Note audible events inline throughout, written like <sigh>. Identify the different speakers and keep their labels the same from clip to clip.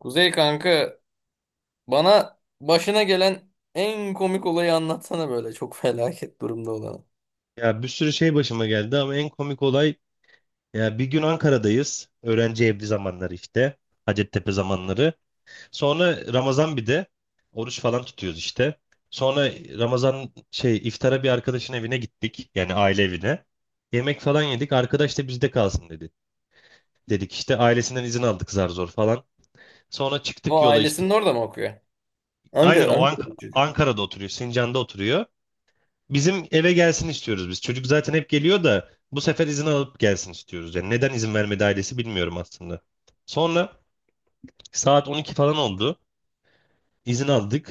Speaker 1: Kuzey kanka, bana başına gelen en komik olayı anlatsana, böyle çok <laughs> felaket durumda olanı.
Speaker 2: Ya bir sürü şey başıma geldi ama en komik olay ya bir gün Ankara'dayız. Öğrenci evli zamanları işte. Hacettepe zamanları. Sonra Ramazan bir de oruç falan tutuyoruz işte. Sonra Ramazan şey iftara bir arkadaşın evine gittik. Yani aile evine. Yemek falan yedik. Arkadaş da bizde kalsın dedi. Dedik işte ailesinden izin aldık zar zor falan. Sonra çıktık
Speaker 1: Bu
Speaker 2: yola işte.
Speaker 1: ailesinin orada mı okuyor?
Speaker 2: Aynen
Speaker 1: Ankara,
Speaker 2: o
Speaker 1: Ankara'da bu çocuk.
Speaker 2: Ankara'da oturuyor. Sincan'da oturuyor. Bizim eve gelsin istiyoruz biz. Çocuk zaten hep geliyor da bu sefer izin alıp gelsin istiyoruz. Yani neden izin vermedi ailesi bilmiyorum aslında. Sonra saat 12 falan oldu. İzin aldık.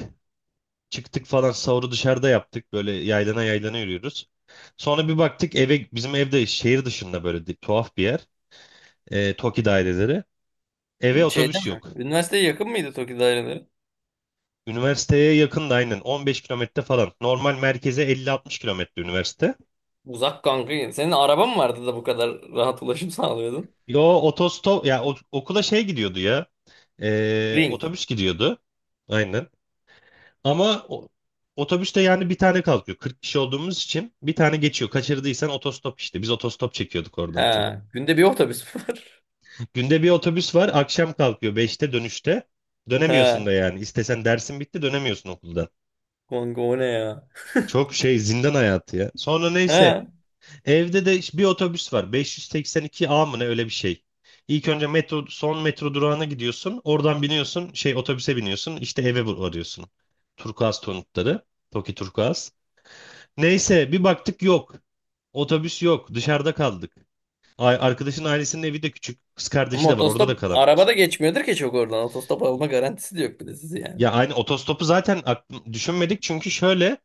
Speaker 2: Çıktık falan sahuru dışarıda yaptık. Böyle yaylana yaylana yürüyoruz. Sonra bir baktık eve bizim evde şehir dışında böyle tuhaf bir yer. TOKİ daireleri. Eve
Speaker 1: Şeyde mi?
Speaker 2: otobüs yok.
Speaker 1: Üniversiteye yakın mıydı TOKİ daireleri?
Speaker 2: Üniversiteye yakın da aynen 15 kilometre falan. Normal merkeze 50-60 kilometre üniversite.
Speaker 1: Uzak kanka. Senin araban mı vardı da bu kadar rahat ulaşım <laughs> sağlıyordun?
Speaker 2: Yo otostop ya okula şey gidiyordu ya.
Speaker 1: Ring.
Speaker 2: Otobüs gidiyordu. Aynen. Ama otobüste yani bir tane kalkıyor. Kırk kişi olduğumuz için bir tane geçiyor. Kaçırdıysan otostop işte. Biz otostop çekiyorduk oradan çok.
Speaker 1: Ha. Günde bir otobüs mü var? <laughs>
Speaker 2: Günde bir otobüs var. Akşam kalkıyor 5'te dönüşte. Dönemiyorsun
Speaker 1: Ha.
Speaker 2: da yani. İstesen dersin bitti dönemiyorsun okuldan.
Speaker 1: Kanka o ne ya?
Speaker 2: Çok şey zindan hayatı ya. Sonra neyse
Speaker 1: Ha.
Speaker 2: evde de bir otobüs var. 582A mı ne öyle bir şey. İlk önce metro son metro durağına gidiyorsun. Oradan biniyorsun. Şey otobüse biniyorsun. İşte eve varıyorsun. Turkuaz tonukları. Toki Turkuaz. Neyse bir baktık yok. Otobüs yok. Dışarıda kaldık. Ay, arkadaşın ailesinin evi de küçük. Kız kardeşi
Speaker 1: Ama
Speaker 2: de var. Orada da
Speaker 1: otostop
Speaker 2: kalamıyoruz.
Speaker 1: arabada geçmiyordur ki çok oradan. Otostop alma garantisi de yok bir de sizi yani.
Speaker 2: Ya aynı otostopu zaten aklım, düşünmedik. Çünkü şöyle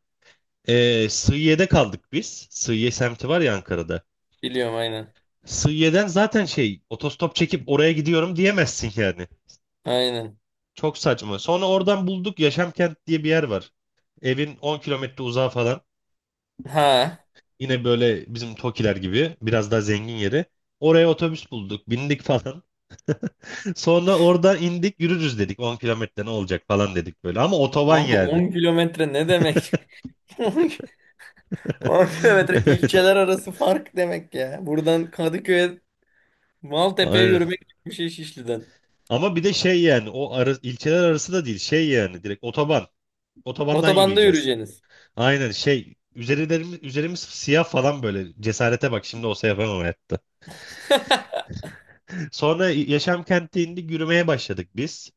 Speaker 2: Sığıye'de kaldık biz. Sığıye semti var ya Ankara'da.
Speaker 1: Biliyorum aynen.
Speaker 2: Sığıye'den zaten şey otostop çekip oraya gidiyorum diyemezsin yani.
Speaker 1: Aynen.
Speaker 2: Çok saçma. Sonra oradan bulduk Yaşamkent diye bir yer var. Evin 10 kilometre uzağı falan.
Speaker 1: Ha.
Speaker 2: Yine böyle bizim Tokiler gibi biraz daha zengin yeri. Oraya otobüs bulduk, bindik falan. <laughs> Sonra oradan indik, yürürüz dedik. 10 kilometre ne olacak falan dedik böyle. Ama otoban
Speaker 1: Kanka
Speaker 2: yani.
Speaker 1: 10 kilometre ne demek? <laughs> 10 kilometre ilçeler
Speaker 2: <laughs>
Speaker 1: arası fark demek ya. Buradan Kadıköy'e
Speaker 2: Evet,
Speaker 1: Maltepe'ye
Speaker 2: aynen.
Speaker 1: yürümek gibi bir şey Şişli'den.
Speaker 2: Ama bir de şey yani o ara, ilçeler arası da değil. Şey yani direkt otoban. Otobandan
Speaker 1: Otobanda
Speaker 2: yürüyeceğiz.
Speaker 1: yürüyeceğiniz.
Speaker 2: Aynen şey üzerimiz siyah falan böyle cesarete bak şimdi olsa yapamam hayatta.
Speaker 1: <laughs>
Speaker 2: Sonra yaşam kenti indik yürümeye başladık biz.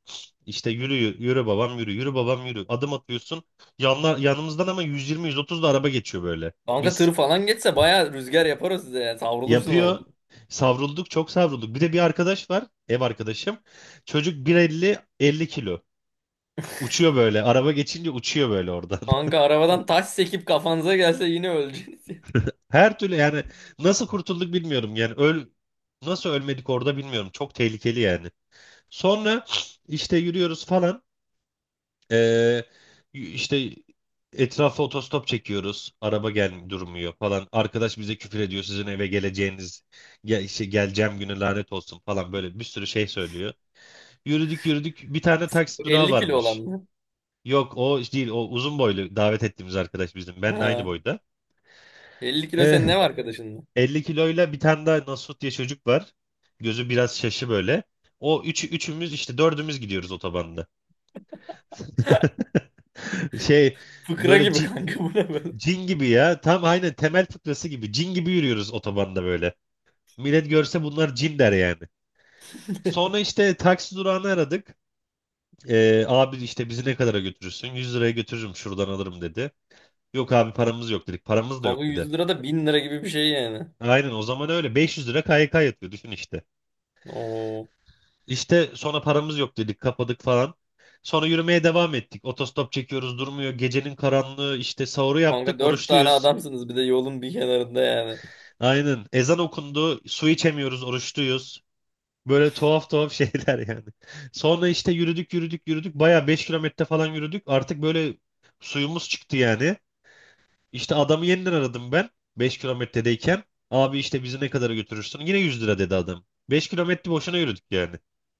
Speaker 2: İşte yürü yürü babam yürü yürü babam yürü adım atıyorsun. Yanımızdan ama 120-130 da araba geçiyor böyle.
Speaker 1: Kanka
Speaker 2: Biz
Speaker 1: tır falan geçse baya rüzgar yapar o size ya. Savrulursun
Speaker 2: yapıyor
Speaker 1: orada.
Speaker 2: savrulduk çok savrulduk. Bir de bir arkadaş var ev arkadaşım. Çocuk 1,50 50 kilo. Uçuyor böyle araba geçince uçuyor böyle oradan.
Speaker 1: Kanka arabadan taş sekip kafanıza gelse yine öleceksiniz.
Speaker 2: Her türlü yani nasıl kurtulduk bilmiyorum. Yani nasıl ölmedik orada bilmiyorum. Çok tehlikeli yani. Sonra işte yürüyoruz falan. Ee, işte etrafa otostop çekiyoruz. Araba durmuyor falan. Arkadaş bize küfür ediyor. Sizin eve geleceğiniz işte geleceğim güne lanet olsun falan böyle bir sürü şey söylüyor. Yürüdük yürüdük. Bir tane
Speaker 1: <laughs>
Speaker 2: taksi
Speaker 1: Bu
Speaker 2: durağı
Speaker 1: 50 kilo olan
Speaker 2: varmış.
Speaker 1: mı?
Speaker 2: Yok o değil o uzun boylu davet ettiğimiz arkadaş bizim. Benle aynı
Speaker 1: Ha.
Speaker 2: boyda.
Speaker 1: 50 kilo
Speaker 2: Eh,
Speaker 1: senin ne var arkadaşınla?
Speaker 2: 50 kiloyla bir tane daha Nasut diye çocuk var. Gözü biraz şaşı böyle. O üçümüz işte dördümüz gidiyoruz otobanda. <laughs> Şey
Speaker 1: Fıkra
Speaker 2: böyle
Speaker 1: gibi kanka bu ne böyle?
Speaker 2: cin, gibi ya. Tam aynen temel fıkrası gibi. Cin gibi yürüyoruz otobanda böyle. Millet görse bunlar cin der yani. Sonra işte taksi durağını aradık. Abi işte bizi ne kadara götürürsün? 100 liraya götürürüm şuradan alırım dedi. Yok abi paramız yok dedik. Paramız da
Speaker 1: Kanka
Speaker 2: yok dedi.
Speaker 1: 100 lira da 1000 lira gibi bir şey yani.
Speaker 2: Aynen o zaman öyle. 500 lira KYK yatıyor düşün işte.
Speaker 1: Oo.
Speaker 2: İşte sonra paramız yok dedik kapadık falan. Sonra yürümeye devam ettik. Otostop çekiyoruz durmuyor. Gecenin karanlığı işte sahuru yaptık
Speaker 1: Kanka dört tane
Speaker 2: oruçluyuz.
Speaker 1: adamsınız bir de yolun bir kenarında yani.
Speaker 2: Aynen ezan okundu su içemiyoruz oruçluyuz. Böyle tuhaf tuhaf <laughs> şeyler yani. Sonra işte yürüdük yürüdük yürüdük. Baya 5 kilometre falan yürüdük. Artık böyle suyumuz çıktı yani. İşte adamı yeniden aradım ben 5 kilometredeyken. Abi işte bizi ne kadara götürürsün? Yine 100 lira dedi adam. 5 kilometre boşuna yürüdük yani.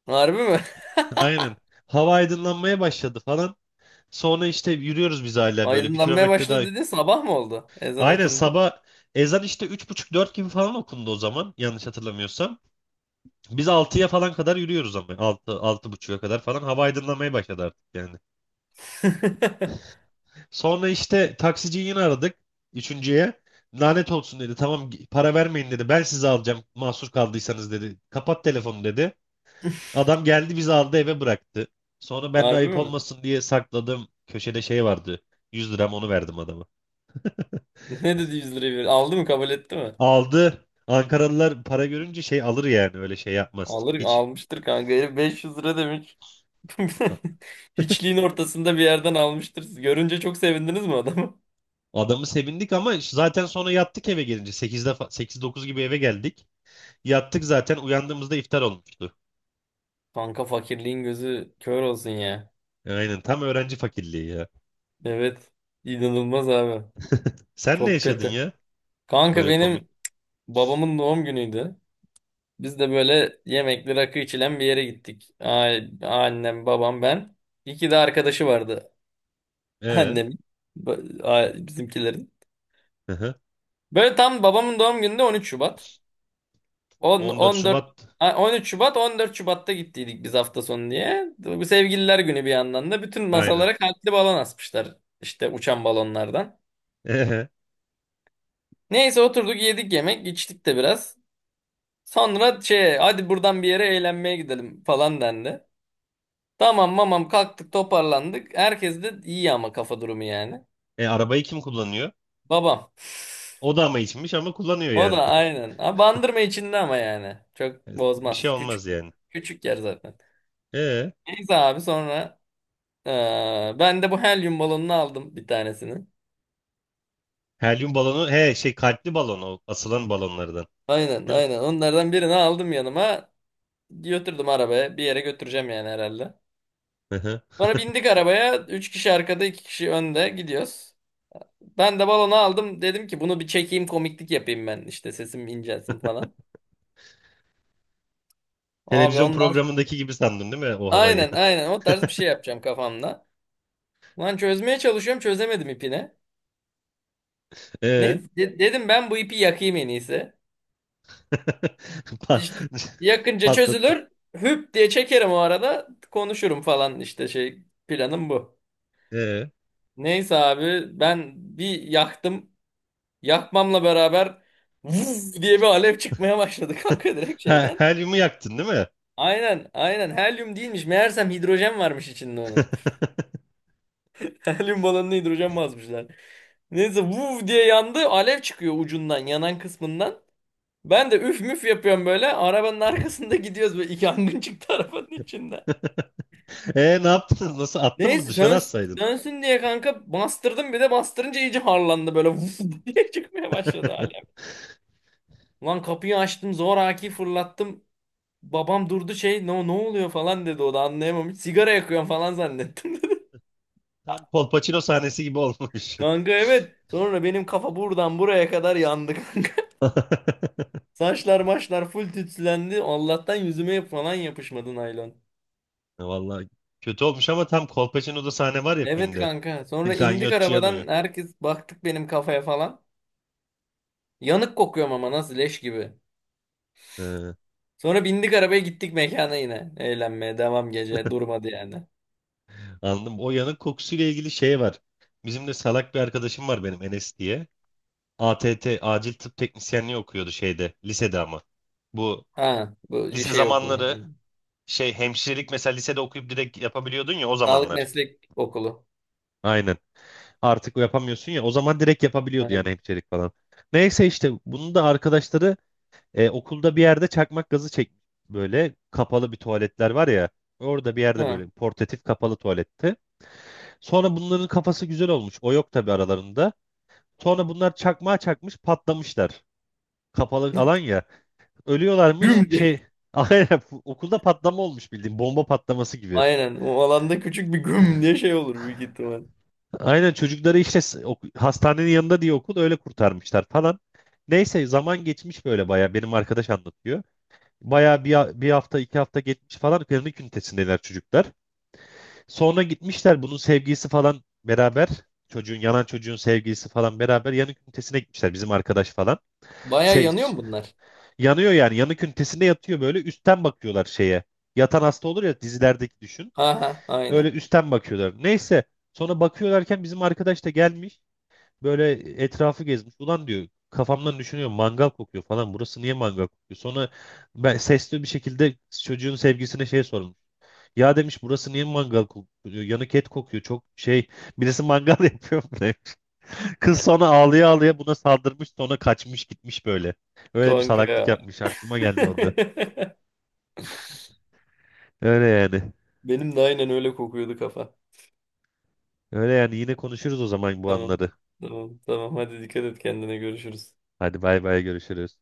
Speaker 1: Harbi mi?
Speaker 2: Aynen. Hava aydınlanmaya başladı falan. Sonra işte yürüyoruz biz
Speaker 1: <laughs>
Speaker 2: hala böyle bir
Speaker 1: Aydınlanmaya
Speaker 2: kilometre daha.
Speaker 1: başladı dedin, sabah mı oldu? Ezan
Speaker 2: Aynen
Speaker 1: okundu.
Speaker 2: sabah ezan işte üç buçuk dört gibi falan okundu o zaman yanlış hatırlamıyorsam. Biz altıya falan kadar yürüyoruz ama altı altı 6.30'a kadar falan hava aydınlamaya başladı artık yani.
Speaker 1: <laughs>
Speaker 2: Sonra işte taksiciyi yine aradık üçüncüye. Lanet olsun dedi. Tamam para vermeyin dedi. Ben sizi alacağım mahsur kaldıysanız dedi. Kapat telefonu dedi. Adam geldi bizi aldı eve bıraktı. Sonra ben de
Speaker 1: Harbi
Speaker 2: ayıp
Speaker 1: mi?
Speaker 2: olmasın diye sakladım. Köşede şey vardı. 100 liram onu verdim adama.
Speaker 1: Ne dedi 100 lirayı? Aldı mı, kabul etti mi?
Speaker 2: Aldı. Ankaralılar para görünce şey alır yani öyle şey yapmaz
Speaker 1: Alır
Speaker 2: hiç.
Speaker 1: almıştır kanka. Herif 500 lira demiş. <laughs> Hiçliğin ortasında bir yerden almıştır. Siz görünce çok sevindiniz mi adamı?
Speaker 2: Adamı sevindik ama zaten sonra yattık eve gelince sekizde sekiz dokuz gibi eve geldik. Yattık zaten uyandığımızda iftar olmuştu.
Speaker 1: Kanka fakirliğin gözü kör olsun ya.
Speaker 2: Aynen tam öğrenci fakirliği ya.
Speaker 1: Evet. İnanılmaz abi.
Speaker 2: Sen ne
Speaker 1: Çok
Speaker 2: yaşadın
Speaker 1: kötü.
Speaker 2: ya?
Speaker 1: Kanka
Speaker 2: Böyle komik.
Speaker 1: benim babamın doğum günüydü. Biz de böyle yemekli rakı içilen bir yere gittik. Annem, babam, ben. İki de arkadaşı vardı. <laughs>
Speaker 2: Ee,
Speaker 1: Annemin, bizimkilerin.
Speaker 2: hı hı.
Speaker 1: Böyle tam babamın doğum günü de 13 Şubat. 10,
Speaker 2: 14
Speaker 1: 14,
Speaker 2: Şubat.
Speaker 1: 13 Şubat, 14 Şubat'ta gittiydik biz hafta sonu diye. Bu sevgililer günü bir yandan da. Bütün
Speaker 2: Aynen.
Speaker 1: masalara kalpli balon asmışlar. İşte uçan balonlardan.
Speaker 2: Ee,
Speaker 1: Neyse oturduk, yedik yemek, içtik de biraz. Sonra şey, hadi buradan bir yere eğlenmeye gidelim falan dendi. Tamam mamam kalktık, toparlandık. Herkes de iyi ama kafa durumu yani.
Speaker 2: arabayı kim kullanıyor?
Speaker 1: Babam.
Speaker 2: O da ama içmiş ama kullanıyor
Speaker 1: O da
Speaker 2: yani.
Speaker 1: aynen. Ha, bandırma içinde ama yani. Çok
Speaker 2: <laughs> Bir şey
Speaker 1: bozmaz.
Speaker 2: olmaz
Speaker 1: Küçük
Speaker 2: yani.
Speaker 1: küçük yer zaten.
Speaker 2: Ee,
Speaker 1: Neyse abi sonra ben de bu helyum balonunu aldım, bir tanesini.
Speaker 2: helyum balonu he şey kalpli balon o asılan balonlardan.
Speaker 1: Aynen
Speaker 2: Değil
Speaker 1: aynen. Onlardan birini aldım yanıma. Götürdüm arabaya. Bir yere götüreceğim yani herhalde.
Speaker 2: mi? <laughs>
Speaker 1: Sonra bindik arabaya. Üç kişi arkada, iki kişi önde gidiyoruz. Ben de balonu aldım. Dedim ki bunu bir çekeyim, komiklik yapayım ben. İşte sesim incelsin falan. Abi
Speaker 2: Televizyon
Speaker 1: ondan
Speaker 2: programındaki gibi sandın değil mi o havayı?
Speaker 1: aynen
Speaker 2: <laughs>
Speaker 1: aynen o tarz bir şey yapacağım kafamda. Lan çözmeye çalışıyorum, çözemedim ipini.
Speaker 2: Ee,
Speaker 1: Ne dedim ben bu ipi yakayım en iyisi.
Speaker 2: <laughs> Pa-
Speaker 1: İşte
Speaker 2: <laughs>
Speaker 1: yakınca
Speaker 2: patlattın.
Speaker 1: çözülür. Hüp diye çekerim o arada konuşurum falan, işte şey, planım bu.
Speaker 2: Ee,
Speaker 1: Neyse abi ben bir yaktım. Yakmamla beraber vuz diye bir alev çıkmaya başladı <laughs> kanka, direkt
Speaker 2: ha,
Speaker 1: şeyden.
Speaker 2: helyumu yaktın değil mi? <laughs>
Speaker 1: Aynen aynen, helyum değilmiş meğersem, hidrojen varmış içinde onun. <laughs> Helyum balonuna hidrojen basmışlar. Neyse vuv diye yandı. Alev çıkıyor ucundan, yanan kısmından. Ben de üf müf yapıyorum böyle. Arabanın arkasında <laughs> gidiyoruz böyle. İki yangın çıktı <laughs> arabanın içinde.
Speaker 2: Ne yaptın? Nasıl attın mı?
Speaker 1: Neyse
Speaker 2: Dışarı atsaydın.
Speaker 1: sönsün diye kanka bastırdım, bir de bastırınca iyice harlandı böyle <laughs> vuf diye çıkmaya başladı alev.
Speaker 2: <laughs>
Speaker 1: Lan kapıyı açtım, zoraki fırlattım. Babam durdu, şey ne, ne oluyor falan dedi, o da anlayamamış. Sigara yakıyorum falan zannettim <laughs> dedi.
Speaker 2: Tam Kolpaçino sahnesi gibi olmuş.
Speaker 1: Kanka evet. Sonra benim kafa buradan buraya kadar yandı. <laughs>
Speaker 2: <laughs>
Speaker 1: Saçlar maçlar full tütsülendi. Allah'tan yüzüme falan yapışmadı naylon.
Speaker 2: Vallahi kötü olmuş ama tam Kolpaçino'da sahne var ya
Speaker 1: Evet
Speaker 2: filmde.
Speaker 1: kanka. Sonra
Speaker 2: <laughs>
Speaker 1: indik
Speaker 2: Ganyotçu yanıyor.
Speaker 1: arabadan. Herkes baktık benim kafaya falan. Yanık kokuyorum ama nasıl leş gibi.
Speaker 2: Ee,
Speaker 1: Sonra bindik arabaya, gittik mekana yine. Eğlenmeye devam gece. Durmadı yani.
Speaker 2: anladım. O yanık kokusuyla ilgili şey var. Bizim de salak bir arkadaşım var benim Enes diye. ATT acil tıp teknisyenliği okuyordu şeyde lisede ama. Bu
Speaker 1: Ha bu
Speaker 2: lise
Speaker 1: şey okulu.
Speaker 2: zamanları şey hemşirelik mesela lisede okuyup direkt yapabiliyordun ya o
Speaker 1: Sağlık
Speaker 2: zamanlar.
Speaker 1: meslek okulu.
Speaker 2: Aynen. Artık yapamıyorsun ya o zaman direkt yapabiliyordu yani
Speaker 1: Aynen.
Speaker 2: hemşirelik falan. Neyse işte bunu da arkadaşları okulda bir yerde çakmak gazı çek böyle kapalı bir tuvaletler var ya. Orada bir yerde
Speaker 1: Ha.
Speaker 2: böyle portatif kapalı tuvaletti. Sonra bunların kafası güzel olmuş. O yok tabii aralarında. Sonra bunlar çakmağa çakmış patlamışlar. Kapalı alan ya. Ölüyorlarmış
Speaker 1: Güm diye.
Speaker 2: şey <laughs> aynen okulda patlama olmuş bildiğin bomba patlaması
Speaker 1: <laughs>
Speaker 2: gibi.
Speaker 1: Aynen. O alanda küçük bir güm diye şey olur büyük ihtimal.
Speaker 2: Aynen çocukları işte hastanenin yanında diye okul öyle kurtarmışlar falan. Neyse zaman geçmiş böyle baya benim arkadaş anlatıyor. Baya bir hafta iki hafta geçmiş falan klinik ünitesindeler çocuklar. Sonra gitmişler bunun sevgilisi falan beraber yanan çocuğun sevgilisi falan beraber yanık ünitesine gitmişler bizim arkadaş falan.
Speaker 1: Baya
Speaker 2: Se-
Speaker 1: yanıyor mu bunlar?
Speaker 2: yanıyor yani yanık ünitesinde yatıyor böyle üstten bakıyorlar şeye. Yatan hasta olur ya dizilerdeki düşün.
Speaker 1: Ha ha
Speaker 2: Öyle
Speaker 1: aynen.
Speaker 2: üstten bakıyorlar. Neyse sonra bakıyorlarken bizim arkadaş da gelmiş. Böyle etrafı gezmiş. Ulan diyor kafamdan düşünüyorum mangal kokuyor falan. Burası niye mangal kokuyor? Sonra ben sesli bir şekilde çocuğun sevgisine şey sormuş. Ya demiş burası niye mangal kokuyor? Yanık et kokuyor. Çok şey birisi mangal <laughs> yapıyor mu demiş. Kız sonra ağlaya ağlaya buna saldırmış sonra kaçmış gitmiş böyle. Öyle bir
Speaker 1: Kanka
Speaker 2: salaklık
Speaker 1: ya.
Speaker 2: yapmış. Aklıma geldi o da.
Speaker 1: <laughs>
Speaker 2: Öyle yani.
Speaker 1: Benim de aynen öyle kokuyordu kafa.
Speaker 2: Öyle yani yine konuşuruz o zaman bu
Speaker 1: Tamam.
Speaker 2: anları.
Speaker 1: Tamam. Tamam. Hadi dikkat et kendine. Görüşürüz.
Speaker 2: Hadi bay bay görüşürüz.